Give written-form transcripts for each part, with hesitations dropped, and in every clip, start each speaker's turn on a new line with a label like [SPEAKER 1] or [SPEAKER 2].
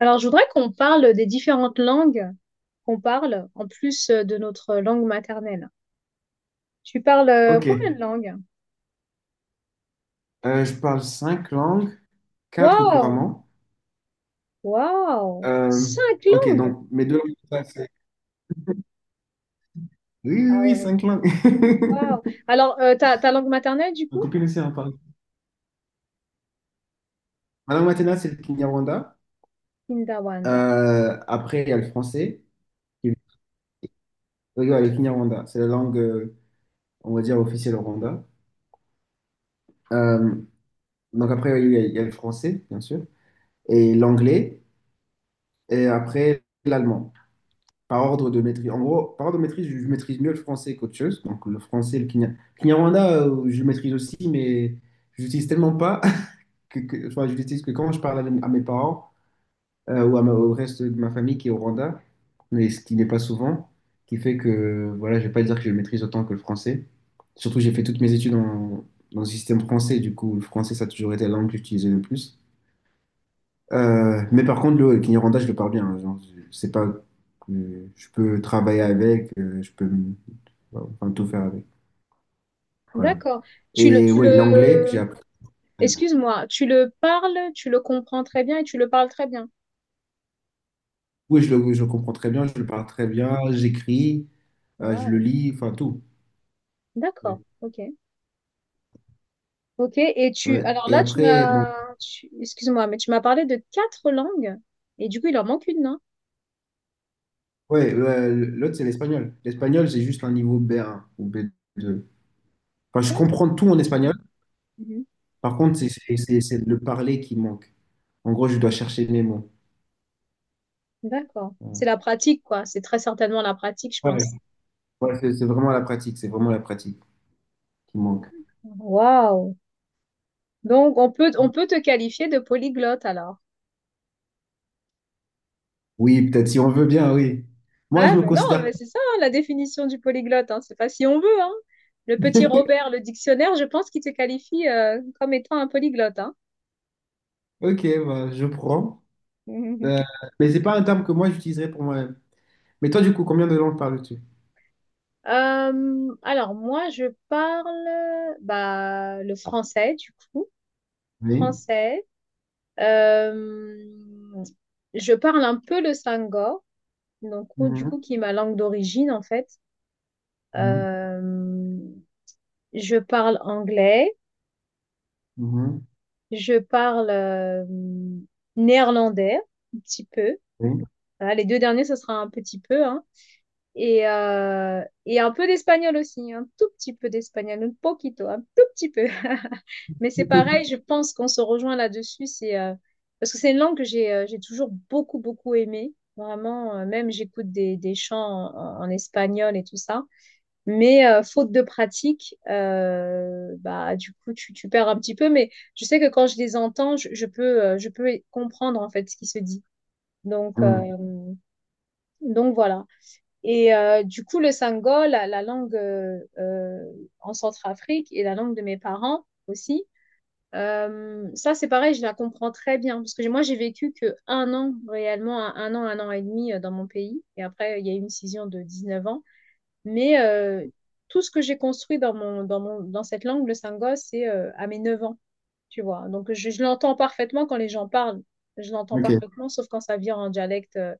[SPEAKER 1] Alors, je voudrais qu'on parle des différentes langues qu'on parle en plus de notre langue maternelle. Tu parles
[SPEAKER 2] Ok.
[SPEAKER 1] combien de langues?
[SPEAKER 2] Je parle cinq langues, quatre
[SPEAKER 1] Waouh!
[SPEAKER 2] couramment.
[SPEAKER 1] Waouh!
[SPEAKER 2] Euh,
[SPEAKER 1] Cinq
[SPEAKER 2] ok,
[SPEAKER 1] langues!
[SPEAKER 2] donc mes deux langues, ça, c'est- Oui, oui,
[SPEAKER 1] Ah
[SPEAKER 2] oui,
[SPEAKER 1] ouais,
[SPEAKER 2] cinq langues.
[SPEAKER 1] waouh! Alors, ta langue maternelle, du
[SPEAKER 2] Ma
[SPEAKER 1] coup?
[SPEAKER 2] copine aussi en parle. Ma langue maternelle, c'est le Kinyarwanda.
[SPEAKER 1] Kindawanda.
[SPEAKER 2] Après, il y a le français. Oui, ouais, le Kinyarwanda, c'est la langue, on va dire, officielle au Rwanda. Euh, donc après, oui, il y a, le français, bien sûr, et l'anglais, et après, l'allemand. Par ordre de maîtrise. En gros, par ordre de maîtrise, je maîtrise mieux le français qu'autre chose. Donc le français, le kenya- Kinyarwanda, je le maîtrise aussi, mais je l'utilise tellement pas enfin, je l'utilise que quand je parle à mes parents ou à ma- au reste de ma famille qui est au Rwanda, mais ce qui n'est pas souvent, qui fait que voilà, je vais pas dire que je le maîtrise autant que le français. Surtout, j'ai fait toutes mes études en- dans le système français, du coup, le français, ça a toujours été la langue que j'utilisais le plus. Mais par contre, le Kinyarwanda, je le parle bien. Genre, je- c'est pas que je peux travailler avec, je peux m- enfin, tout faire avec. Voilà.
[SPEAKER 1] D'accord. Tu le,
[SPEAKER 2] Et
[SPEAKER 1] tu
[SPEAKER 2] oui, l'anglais que j'ai
[SPEAKER 1] le,
[SPEAKER 2] appris.
[SPEAKER 1] Excuse-moi, tu le parles, tu le comprends très bien et tu le parles très bien.
[SPEAKER 2] Oui, je le comprends très bien, je le parle très bien, j'écris, je le
[SPEAKER 1] Waouh!
[SPEAKER 2] lis, enfin tout.
[SPEAKER 1] D'accord. Ok. Ok. Et tu,
[SPEAKER 2] Ouais.
[SPEAKER 1] alors
[SPEAKER 2] Et
[SPEAKER 1] là, tu
[SPEAKER 2] après, donc,
[SPEAKER 1] m'as, tu- excuse-moi, mais tu m'as parlé de quatre langues et du coup, il en manque une, non?
[SPEAKER 2] ouais, l'autre, c'est l'espagnol. L'espagnol, c'est juste un niveau B1 ou B2. Enfin, je
[SPEAKER 1] D'ac-
[SPEAKER 2] comprends tout en espagnol.
[SPEAKER 1] mhm.
[SPEAKER 2] Par contre, c'est le parler qui manque. En gros, je dois chercher mes mots.
[SPEAKER 1] D'accord. C'est la pratique, quoi. C'est très certainement la pratique, je
[SPEAKER 2] Ouais,
[SPEAKER 1] pense.
[SPEAKER 2] ouais, c'est vraiment la pratique. C'est vraiment la pratique qui manque.
[SPEAKER 1] Waouh. Donc, on peut te qualifier de polyglotte, alors.
[SPEAKER 2] Oui, peut-être si on veut bien, oui. Moi,
[SPEAKER 1] Ah,
[SPEAKER 2] je me
[SPEAKER 1] ben non,
[SPEAKER 2] considère
[SPEAKER 1] mais
[SPEAKER 2] pas.
[SPEAKER 1] c'est ça, hein, la définition du polyglotte, hein. C'est pas si on veut, hein. Le petit Robert, le dictionnaire, je pense qu'il te qualifie, comme étant un polyglotte, hein.
[SPEAKER 2] Ok, bah, je prends. Euh, mais c'est pas un terme que moi j'utiliserais pour moi-même. Mais toi, du coup, combien de langues parles-tu?
[SPEAKER 1] Alors moi je parle bah, le français du coup
[SPEAKER 2] Oui.
[SPEAKER 1] français. Euh, je parle un peu le sangor. Donc, oh, du
[SPEAKER 2] Mhm,
[SPEAKER 1] coup, qui est ma langue d'origine, en fait.
[SPEAKER 2] mhm,
[SPEAKER 1] Euh, je parle anglais,
[SPEAKER 2] mhm.
[SPEAKER 1] je parle néerlandais, un petit peu.
[SPEAKER 2] Oui.
[SPEAKER 1] Voilà, les deux derniers, ce sera un petit peu, hein. Et un peu d'espagnol aussi, un tout petit peu d'espagnol, un poquito, un tout petit peu. Mais c'est pareil, je pense qu'on se rejoint là-dessus, c'est parce que c'est une langue que j'ai toujours beaucoup, beaucoup aimée. Vraiment, même j'écoute des chants en espagnol et tout ça. Mais faute de pratique, bah, du coup, tu perds un petit peu. Mais je sais que quand je les entends, je peux comprendre en fait ce qui se dit. Donc, euh,
[SPEAKER 2] Mhm.
[SPEAKER 1] donc voilà. Et du coup, le sango, la langue en Centrafrique et la langue de mes parents aussi, ça c'est pareil, je la comprends très bien. Moi, j'ai vécu que un an réellement, un an et demi dans mon pays. Et après, il y a eu une scission de 19 ans. Mais tout ce que j'ai construit dans cette langue, le sango, c'est à mes 9 ans, tu vois. Donc, je l'entends parfaitement quand les gens parlent. Je l'entends
[SPEAKER 2] Ok.
[SPEAKER 1] parfaitement, sauf quand ça vient en dialecte euh,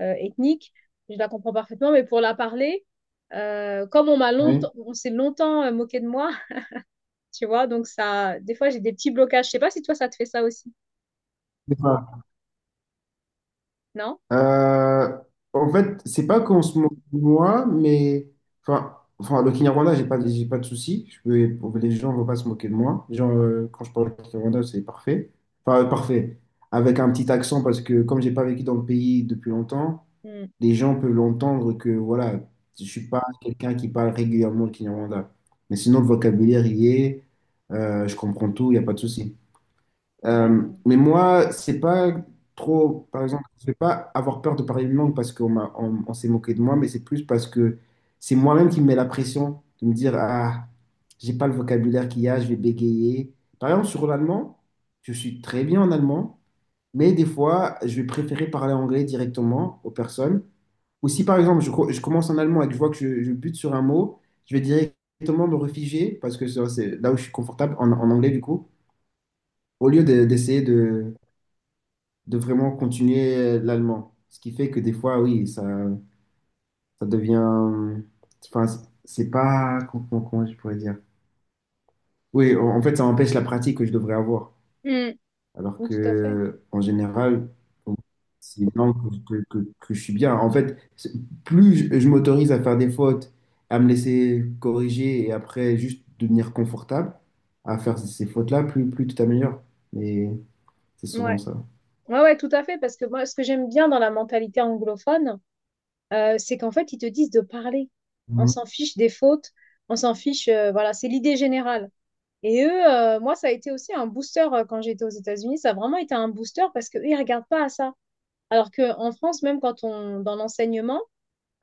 [SPEAKER 1] euh, ethnique. Je la comprends parfaitement, mais pour la parler, comme
[SPEAKER 2] Oui.
[SPEAKER 1] on s'est longtemps moqué de moi, tu vois. Donc, ça, des fois, j'ai des petits blocages. Je sais pas si toi, ça te fait ça aussi, non?
[SPEAKER 2] Euh, En fait, c'est pas qu'en ce moment, moi, mais enfin, le Kinyarwanda, j'ai pas de souci. Je peux, pour- les gens vont pas se moquer de moi. Les gens, quand je parle Kinyarwanda, c'est parfait. Enfin, parfait. Avec un petit accent, parce que comme j'ai pas vécu dans le pays depuis longtemps,
[SPEAKER 1] Hmm.
[SPEAKER 2] les gens peuvent l'entendre que voilà, je suis pas quelqu'un qui parle régulièrement le Kinyarwanda. Mais sinon, le vocabulaire y est, je comprends tout, il n'y a pas de souci.
[SPEAKER 1] D'accord.
[SPEAKER 2] Mais moi, c'est pas trop, par exemple, je vais pas avoir peur de parler une langue parce qu'on s'est moqué de moi, mais c'est plus parce que c'est moi-même qui me mets la pression de me dire, ah, j'ai pas le vocabulaire qu'il y a, je vais bégayer. Par exemple, sur l'allemand, je suis très bien en allemand, mais des fois, je vais préférer parler anglais directement aux personnes. Ou si, par exemple, co- je commence en allemand et que je vois que je bute sur un mot, je vais directement me réfugier parce que ça, c'est là où je suis confortable en, en anglais, du coup, au lieu de- d'essayer de vraiment continuer l'allemand. Ce qui fait que des fois, oui, ça devient... Enfin, c'est pas... Comment, comment je pourrais dire? Oui, en fait, ça empêche la pratique que je devrais avoir.
[SPEAKER 1] Hmm.
[SPEAKER 2] Alors
[SPEAKER 1] Tout à fait.
[SPEAKER 2] que, en général, bon, c'est une langue que je suis bien. En fait, c'est- plus je m'autorise à faire des fautes, à me laisser corriger et après juste devenir confortable à faire ces fautes-là, plus tu t'améliores. Mais c'est souvent
[SPEAKER 1] Ouais.
[SPEAKER 2] ça.
[SPEAKER 1] Ouais, tout à fait. Parce que moi, ce que j'aime bien dans la mentalité anglophone, c'est qu'en fait, ils te disent de parler. On
[SPEAKER 2] Mhm.
[SPEAKER 1] s'en fiche des fautes, on s'en fiche, voilà, c'est l'idée générale. Et eux, moi, ça a été aussi un booster quand j'étais aux États-Unis. Ça a vraiment été un booster parce qu'eux, ils ne regardent pas à ça. Alors qu'en France, même dans l'enseignement,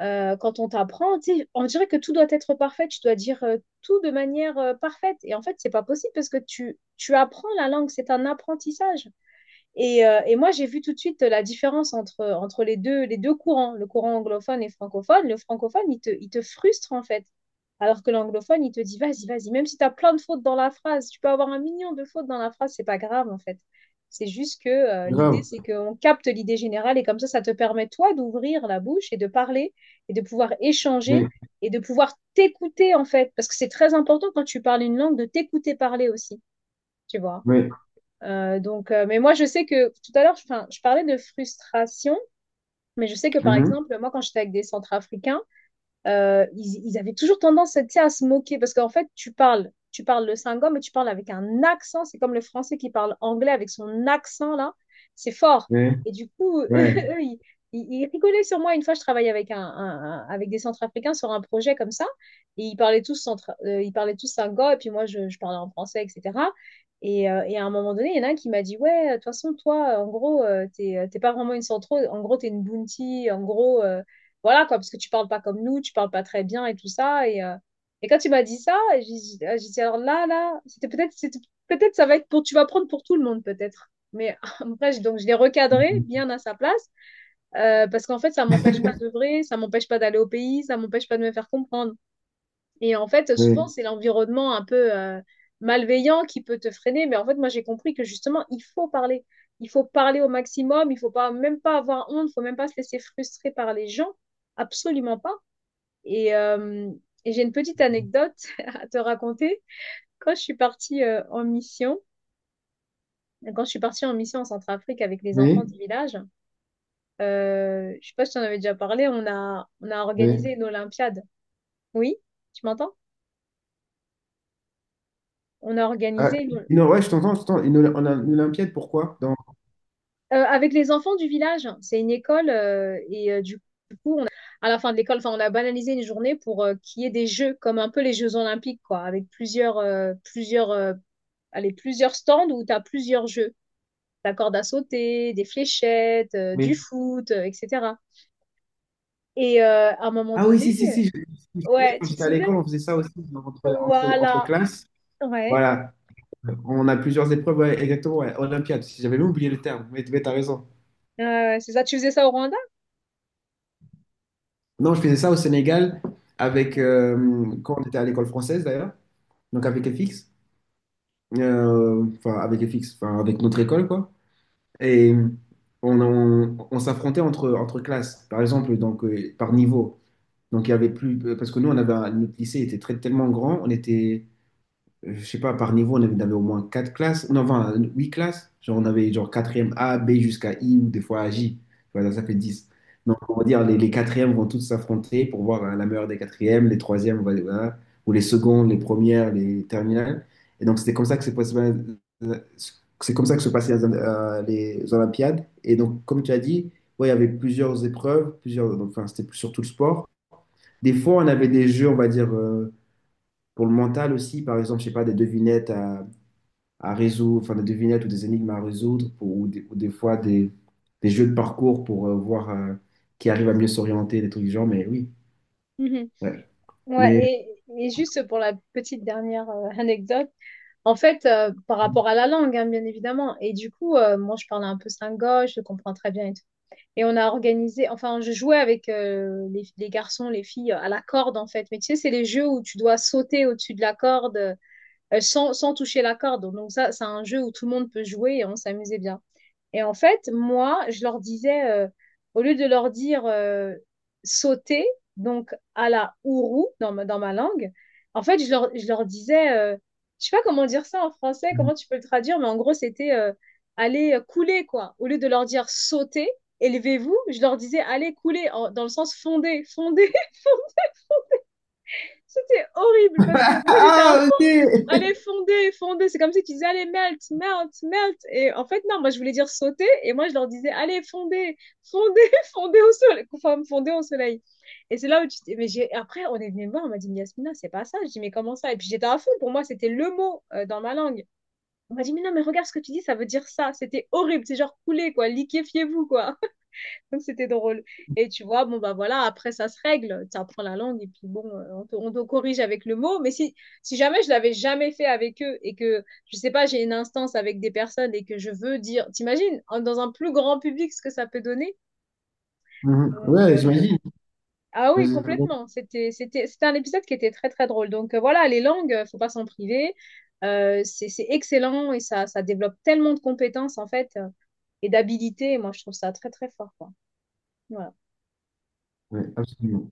[SPEAKER 1] quand on t'apprend, tu sais, on dirait que tout doit être parfait. Tu dois dire tout de manière parfaite. Et en fait, c'est pas possible parce que tu apprends la langue. C'est un apprentissage. Et moi, j'ai vu tout de suite la différence entre les deux courants, le courant anglophone et francophone. Le francophone, il te frustre en fait. Alors que l'anglophone, il te dit, vas-y, vas-y, même si tu as plein de fautes dans la phrase, tu peux avoir un million de fautes dans la phrase, c'est pas grave en fait. C'est juste que l'idée,
[SPEAKER 2] Grave.
[SPEAKER 1] c'est qu'on capte l'idée générale et comme ça te permet, toi, d'ouvrir la bouche et de parler et de pouvoir échanger
[SPEAKER 2] Oui,
[SPEAKER 1] et de pouvoir t'écouter, en fait. Parce que c'est très important quand tu parles une langue de t'écouter parler aussi, tu vois.
[SPEAKER 2] oui.
[SPEAKER 1] Donc, mais moi, je sais que tout à l'heure, 'fin, je parlais de frustration, mais je sais que par
[SPEAKER 2] Mhm.
[SPEAKER 1] exemple, moi, quand j'étais avec des centrafricains, ils avaient toujours tendance, tu sais, à se moquer parce qu'en fait, tu parles le singom, mais tu parles avec un accent. C'est comme le français qui parle anglais avec son accent là, c'est fort.
[SPEAKER 2] Oui.
[SPEAKER 1] Et du coup, eux,
[SPEAKER 2] Ouais.
[SPEAKER 1] ils, ils rigolaient sur moi. Une fois, je travaillais avec avec des Centrafricains sur un projet comme ça, et ils parlaient tous singom, et puis moi, je parlais en français, etc. Et à un moment donné, il y en a un qui m'a dit, ouais, de toute façon, toi, en gros, t'es, t'es pas vraiment une centro, en gros, t'es une bounty, en gros. Voilà, quoi, parce que tu parles pas comme nous, tu parles pas très bien et tout ça. Et quand tu m'as dit ça, j'ai dit, alors là, là, c'était peut-être, peut-être ça va être pour, tu vas prendre pour tout le monde, peut-être. Mais après, donc je l'ai recadré
[SPEAKER 2] Mhm.
[SPEAKER 1] bien à sa place, parce qu'en fait, ça m'empêche pas d'œuvrer, ça m'empêche pas d'aller au pays, ça m'empêche pas de me faire comprendre. Et en fait, souvent,
[SPEAKER 2] Oui,
[SPEAKER 1] c'est l'environnement un peu malveillant qui peut te freiner, mais en fait, moi, j'ai compris que justement, il faut parler. Il faut parler au maximum, il faut pas, même pas avoir honte, il faut même pas se laisser frustrer par les gens. Absolument pas. Et, euh, et j'ai une petite anecdote à te raconter. Quand je suis partie en mission, quand je suis partie en mission en Centrafrique avec les enfants
[SPEAKER 2] oui,
[SPEAKER 1] du village, je sais pas si tu en avais déjà parlé, on a
[SPEAKER 2] oui.
[SPEAKER 1] organisé une Olympiade. Oui, tu m'entends? On a
[SPEAKER 2] Ah,
[SPEAKER 1] organisé une...
[SPEAKER 2] non, ouais, je t'entends. Une, Oly- en- une Olympiade, pourquoi? Dans...
[SPEAKER 1] Avec les enfants du village. C'est une école et du à la fin de l'école, enfin, on a banalisé une journée pour qu'il y ait des jeux, comme un peu les Jeux Olympiques, quoi, avec plusieurs, allez, plusieurs stands où tu as plusieurs jeux. La corde à sauter, des fléchettes,
[SPEAKER 2] Mais...
[SPEAKER 1] du foot, etc. Et à un moment
[SPEAKER 2] Ah oui,
[SPEAKER 1] donné,
[SPEAKER 2] si, si, si. Je connais,
[SPEAKER 1] ouais,
[SPEAKER 2] quand
[SPEAKER 1] tu te
[SPEAKER 2] j'étais à
[SPEAKER 1] souviens?
[SPEAKER 2] l'école, on faisait ça aussi dans- entre
[SPEAKER 1] Voilà.
[SPEAKER 2] classes.
[SPEAKER 1] Ouais.
[SPEAKER 2] Voilà. On a plusieurs épreuves, ouais, exactement. Ouais, Olympiade. Si j'avais même oublié le terme, mais, t'as raison.
[SPEAKER 1] C'est ça, tu faisais ça au Rwanda?
[SPEAKER 2] Non, je faisais ça au Sénégal avec,
[SPEAKER 1] Ouais.
[SPEAKER 2] quand on était à l'école française d'ailleurs, donc avec FX. Enfin, avec FX, enfin, avec notre école, quoi. Et on s'affrontait entre, classes, par exemple, donc, par niveau. Donc, il y avait plus, parce que nous, on avait un- notre lycée était très, tellement grand, on était, je sais pas, par niveau, on avait au moins quatre classes, non, enfin, huit classes. Genre, on avait genre quatrième A, B jusqu'à I ou des fois à J. Voilà, ça fait
[SPEAKER 1] Mhm.
[SPEAKER 2] 10. Donc, on va dire, les quatrièmes vont toutes s'affronter pour voir hein, la meilleure des quatrièmes, les troisièmes, on va- voilà, ou les secondes, les premières, les terminales. Et donc, c'était comme ça que c'est possible. C'est comme ça que se passaient les Olympiades. Et donc, comme tu as dit, ouais, il y avait plusieurs épreuves, plusieurs, donc, enfin, c'était plus surtout le sport. Des fois, on avait des jeux, on va dire, pour le mental aussi, par exemple, je sais pas, des devinettes à résoudre, enfin des devinettes ou des énigmes à résoudre pour- ou des fois des jeux de parcours pour voir qui arrive à mieux s'orienter, des trucs du genre, mais oui,
[SPEAKER 1] Mhm.
[SPEAKER 2] ouais.
[SPEAKER 1] Ouais,
[SPEAKER 2] Mais...
[SPEAKER 1] et juste pour la petite dernière anecdote, en fait, par rapport à la langue, hein, bien évidemment, et du coup, moi, je parlais un peu slingoche, je le comprends très bien et tout. Et on a organisé, enfin, je jouais avec les garçons, les filles à la corde, en fait. Mais tu sais, c'est les jeux où tu dois sauter au-dessus de la corde, sans toucher la corde. Donc ça, c'est un jeu où tout le monde peut jouer et on s'amusait bien. Et en fait, moi, je leur disais, au lieu de leur dire sauter, donc à la ourou dans ma langue, en fait, je leur disais, je sais pas comment dire ça en français, comment tu peux le traduire, mais en gros, c'était aller couler, quoi. Au lieu de leur dire sauter, élevez-vous, je leur disais allez couler, dans le sens fonder, fonder, c'était horrible parce que moi j'étais à
[SPEAKER 2] Ah, ok!
[SPEAKER 1] fond. Allez, fonder, fonder. C'est comme si tu disais allez, melt, melt, melt. Et en fait, non, moi je voulais dire sauter et moi je leur disais allez, fonder, fonder, fonder au soleil. Enfin, fonder au soleil. Et c'est là où mais j'ai... après, on est venu me voir, on m'a dit mais Yasmina, c'est pas ça. Je dis mais comment ça? Et puis j'étais à fond. Pour moi, c'était le mot dans ma langue. On m'a dit mais non, mais regarde ce que tu dis, ça veut dire ça. C'était horrible. C'est genre couler, quoi. Liquéfiez-vous, quoi. Donc, c'était drôle. Et tu vois, bon, bah voilà, après, ça se règle. Tu apprends la langue et puis bon, on te corrige avec le mot. Mais si, si jamais je l'avais jamais fait avec eux et que, je sais pas, j'ai une instance avec des personnes et que je veux dire, t'imagines, dans un plus grand public, ce que ça peut donner?
[SPEAKER 2] Mhm.
[SPEAKER 1] Donc,
[SPEAKER 2] Ouais, j'imagine.
[SPEAKER 1] ah oui,
[SPEAKER 2] J'imagine.
[SPEAKER 1] complètement. C'était un épisode qui était très, très drôle. Donc, voilà, les langues, faut pas s'en priver. C'est excellent et ça développe tellement de compétences, en fait, et d'habilités. Moi, je trouve ça très, très fort, quoi. Voilà.
[SPEAKER 2] Ouais, absolument.